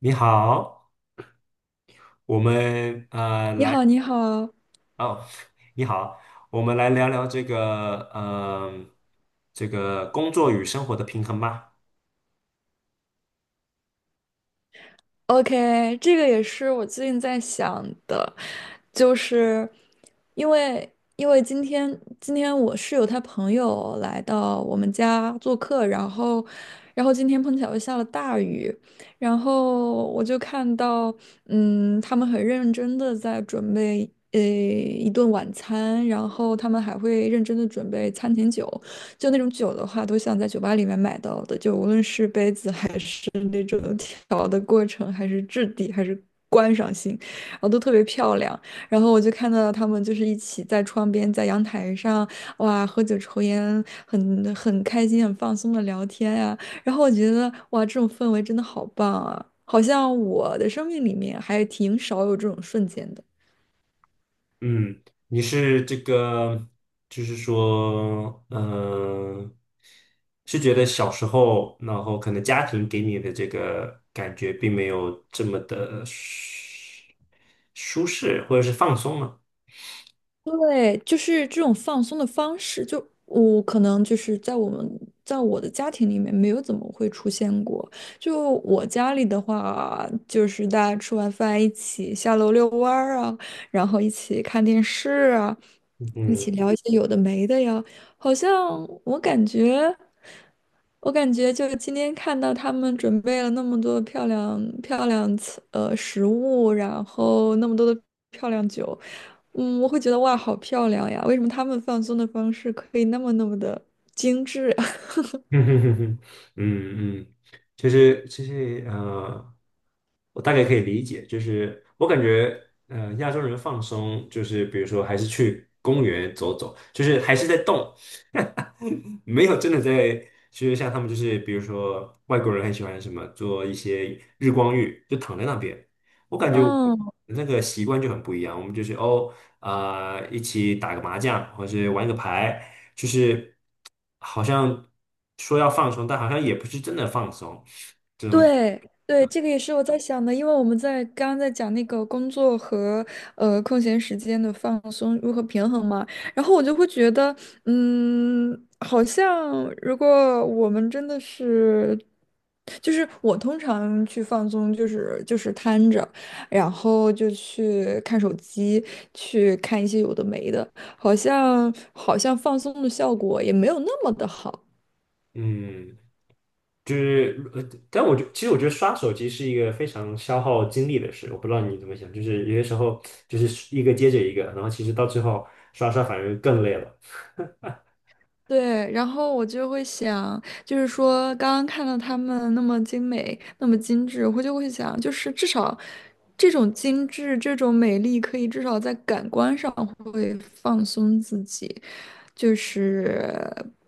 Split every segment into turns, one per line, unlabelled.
你好，我们呃
你
来
好，你好
哦，你好，我们来聊聊这个工作与生活的平衡吧。
，OK，这个也是我最近在想的，就是因为因为今天我室友他朋友来到我们家做客，然后今天碰巧又下了大雨，然后我就看到他们很认真的在准备一顿晚餐，然后他们还会认真的准备餐前酒。就那种酒的话，都像在酒吧里面买到的，就无论是杯子还是那种调的过程，还是质地，还是观赏性，然后都特别漂亮。然后我就看到他们就是一起在窗边，在阳台上，哇，喝酒抽烟，很开心，很放松的聊天呀、然后我觉得，哇，这种氛围真的好棒啊！好像我的生命里面还挺少有这种瞬间的。
嗯，你是这个就是说，是觉得小时候，然后可能家庭给你的这个感觉并没有这么的舒适或者是放松吗？
对，就是这种放松的方式，就我可能就是在我的家庭里面没有怎么会出现过。就我家里的话，就是大家吃完饭一起下楼遛弯儿啊，然后一起看电视啊，一
嗯
起聊一些有的没的呀。好像我感觉。我感觉就今天看到他们准备了那么多漂亮食物，然后那么多的漂亮酒，我会觉得哇，好漂亮呀！为什么他们放松的方式可以那么那么的精致
嗯哼哼哼，嗯嗯，就是我大概可以理解，就是我感觉亚洲人放松，就是比如说还是去公园走走，就是还是在动，没有真的在，就是像他们就是比如说外国人很喜欢什么做一些日光浴，就躺在那边，我感觉我
啊 嗯，
那个习惯就很不一样，我们就是哦啊、一起打个麻将，或是玩个牌，就是。好像说要放松，但好像也不是真的放松。这种，
对对，这个也是我在想的，因为我们在刚刚在讲那个工作和空闲时间的放松如何平衡嘛，然后我就会觉得，好像如果我们真的是。就是我通常去放松，就是瘫着，然后就去看手机，去看一些有的没的，好像放松的效果也没有那么的好。
嗯，就是但其实我觉得刷手机是一个非常消耗精力的事。我不知道你怎么想，就是有些时候就是一个接着一个，然后其实到最后刷刷反而更累了。
对，然后我就会想，就是说刚刚看到他们那么精美，那么精致，我就会想，就是至少这种精致、这种美丽，可以至少在感官上会放松自己。就是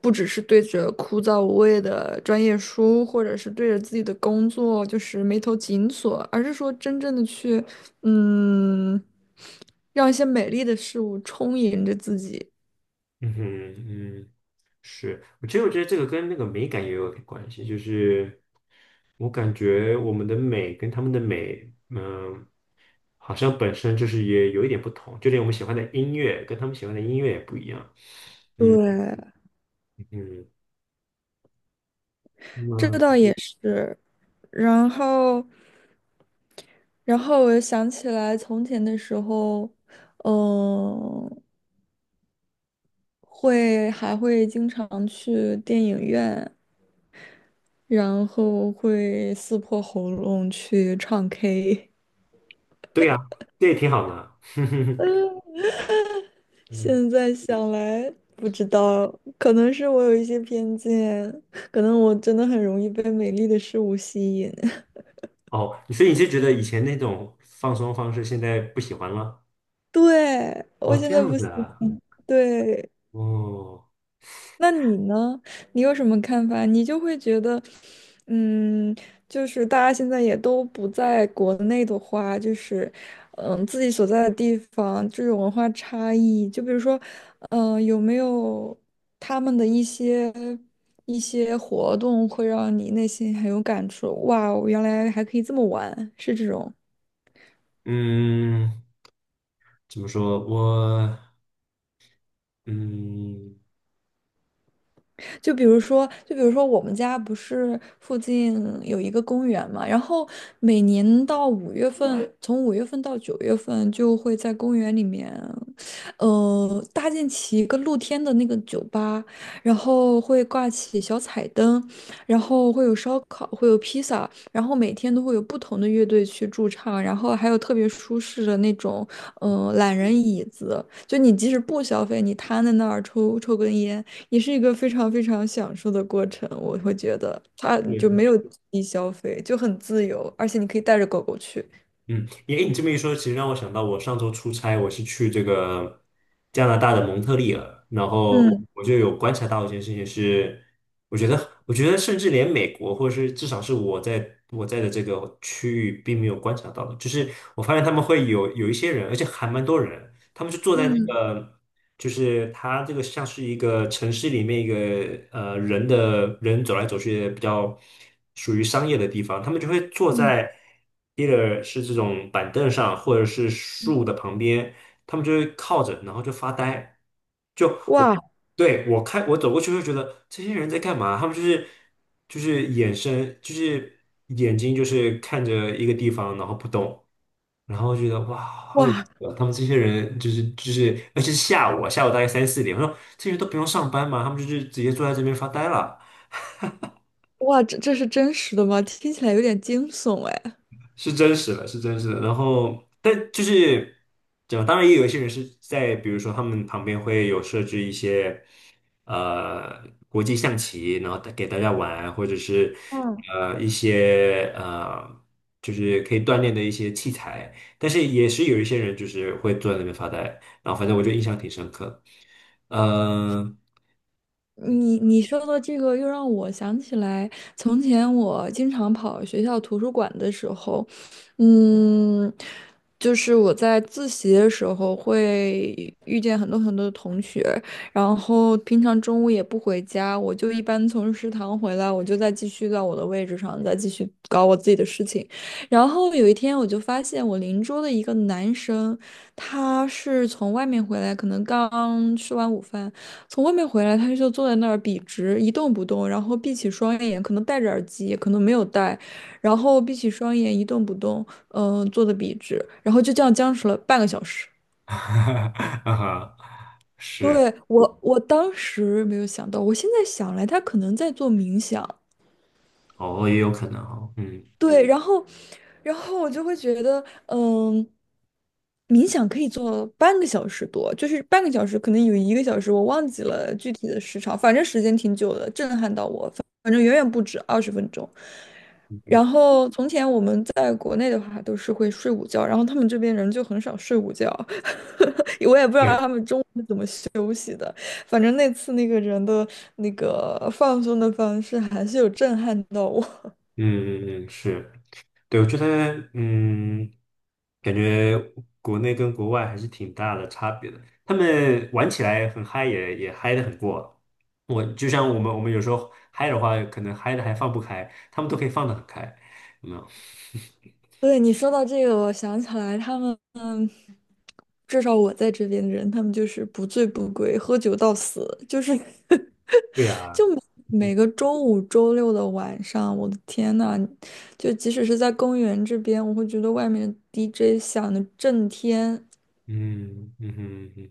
不只是对着枯燥无味的专业书，或者是对着自己的工作就是眉头紧锁，而是说真正的去，嗯，让一些美丽的事物充盈着自己。
嗯哼，嗯，是，我其实我觉得这个跟那个美感也有点关系，就是我感觉我们的美跟他们的美，好像本身就是也有一点不同，就连我们喜欢的音乐跟他们喜欢的音乐也不一样。嗯
对，
嗯
这倒
嗯，
也是。然后，然后我又想起来从前的时候，嗯，还会经常去电影院。然后会撕破喉咙去唱 K。
对呀、这也挺好的。嗯，
现在想来，不知道，可能是我有一些偏见，可能我真的很容易被美丽的事物吸引。
哦，所以你是觉得以前那种放松方式现在不喜欢了？
对，我
哦，
现
这
在
样
不
子
行，
啊。
对，
哦，
那你呢？你有什么看法？你就会觉得，嗯，就是大家现在也都不在国内的话，就是，自己所在的地方这种文化差异，就比如说，有没有他们的一些活动会让你内心很有感触？哇，我原来还可以这么玩，是这种。
嗯，怎么说？嗯。
就比如说我们家不是附近有一个公园嘛，然后每年到五月份，从五月份到9月份就会在公园里面，搭建起一个露天的那个酒吧，然后会挂起小彩灯，然后会有烧烤，会有披萨，然后每天都会有不同的乐队去驻唱，然后还有特别舒适的那种，懒人椅子，就你即使不消费，你瘫在那儿抽抽根烟。也是一个非常非常享受的过程。我会觉得它就
是
没有低消费，就很自由，而且你可以带着狗狗去。
嗯，你这么一说，其实让我想到，我上周出差，我是去这个加拿大的蒙特利尔，然后
嗯
我就有观察到一件事情是，我觉得甚至连美国，或者是至少是我在的这个区域，并没有观察到的，就是我发现他们会有一些人，而且还蛮多人，他们就坐在那
嗯
个就是它这个像是一个城市里面一个人的人走来走去的比较属于商业的地方，他们就会坐
嗯，
在 either 是这种板凳上，或者是树的旁边，他们就会靠着，然后就发呆。就我
哇
对我看我走过去会觉得这些人在干嘛？他们就是眼神就是眼睛就是看着一个地方，然后不动。然后觉得哇，好有意
哇
思啊他们这些人就是，而且是下午啊下午大概三四点，我说这些人都不用上班嘛，他们就是直接坐在这边发呆了。
哇，这是真实的吗？听起来有点惊悚哎。
是真实的，是真实的。然后，但就是怎么，当然也有一些人是在，比如说他们旁边会有设置一些呃国际象棋，然后带给大家玩，或者是
嗯。
一些就是可以锻炼的一些器材。但是也是有一些人就是会坐在那边发呆，然后反正我就印象挺深刻。嗯、
你说的这个又让我想起来，从前我经常跑学校图书馆的时候，嗯，就是我在自习的时候会遇见很多很多的同学，然后平常中午也不回家，我就一般从食堂回来，我就再继续到我的位置上，再继续搞我自己的事情。然后有一天，我就发现我邻桌的一个男生，他是从外面回来，可能刚吃完午饭。从外面回来，他就坐在那儿笔直一动不动，然后闭起双眼，可能戴着耳机，可能没有戴，然后闭起双眼一动不动，坐的笔直，然后就这样僵持了半个小时。
啊哈是
对，我当时没有想到，我现在想来，他可能在做冥想。
哦，也有可能哦，嗯，
对，然后我就会觉得。冥想可以做半个小时多，就是半个小时，可能有1个小时，我忘记了具体的时长，反正时间挺久的，震撼到我，反正远远不止20分钟。然后从前我们在国内的话都是会睡午觉，然后他们这边人就很少睡午觉，我也不知道
对，
他们中午，反正那次那个人的那个放松的方式还是有震撼到我。
嗯嗯嗯，是。对，我觉得，嗯，感觉国内跟国外还是挺大的差别的。他们玩起来很嗨也，也嗨的很过。我就像我们，我们有时候嗨的话，可能嗨的还放不开，他们都可以放得很开。有没有？
对，你说到这个，我想起来他们至少我在这边的人，他们就是不醉不归，喝酒到死，就是
对呀，
每
嗯
个周五、周六的晚上，我的天呐，就即使是在公园这边，我会觉得外面的 DJ 响的震天，
嗯嗯哼嗯哼，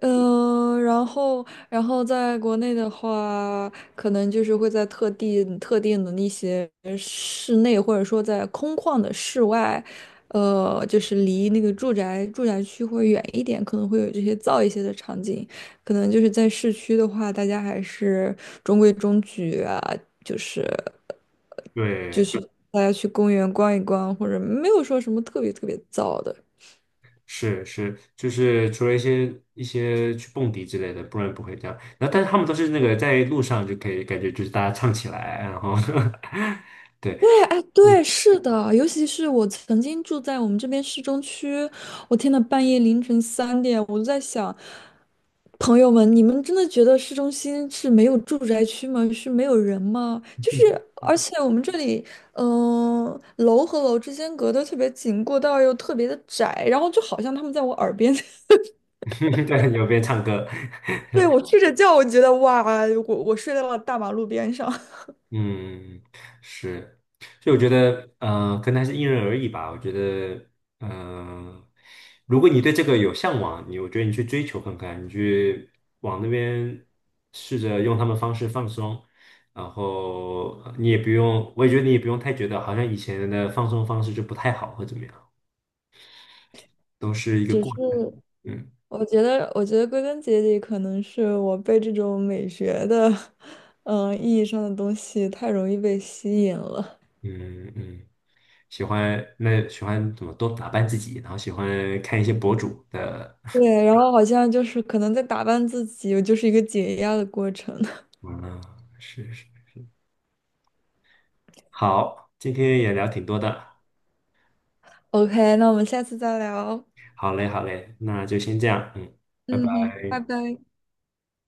嗯，然后，然后在国内的话，可能就是会在特定的那些室内，或者说在空旷的室外，就是离那个住宅区会远一点，可能会有这些噪一些的场景。可能就是在市区的话，大家还是中规中矩啊，就是就
对，
是大家去公园逛一逛，或者没有说什么特别特别噪的。
是是，就是除了一些去蹦迪之类的，不然不会这样。然后，但是他们都是那个在路上就可以感觉就是大家唱起来，然后 对。
对，哎，对，
嗯。
是的，尤其是我曾经住在我们这边市中区，我天呐，半夜凌晨3点，我就在想，朋友们，你们真的觉得市中心是没有住宅区吗？是没有人吗？就是，而且我们这里，楼和楼之间隔得特别紧，过道又特别的窄，然后就好像他们在我耳边，
对，有边唱歌，
对，我睡着觉，我觉得哇，我睡在了大马路边上，
嗯，是，所以我觉得，可能还是因人而异吧。我觉得，嗯、如果你对这个有向往，你我觉得你去追求看看，你去往那边试着用他们方式放松，然后你也不用，我也觉得你也不用太觉得好像以前的放松方式就不太好或怎么样，都是一 个
只是。
过程。嗯
我觉得归根结底，可能是我被这种美学的，意义上的东西太容易被吸引了。
嗯嗯，喜欢怎么多打扮自己，然后喜欢看一些博主的
对，然后好像就是可能在打扮自己，就是一个解压的过程。
完了，是是，好，今天也聊挺多的，
OK，那我们下次再聊。
好嘞，好嘞，那就先这样，嗯，拜
嗯
拜。
哼，拜拜。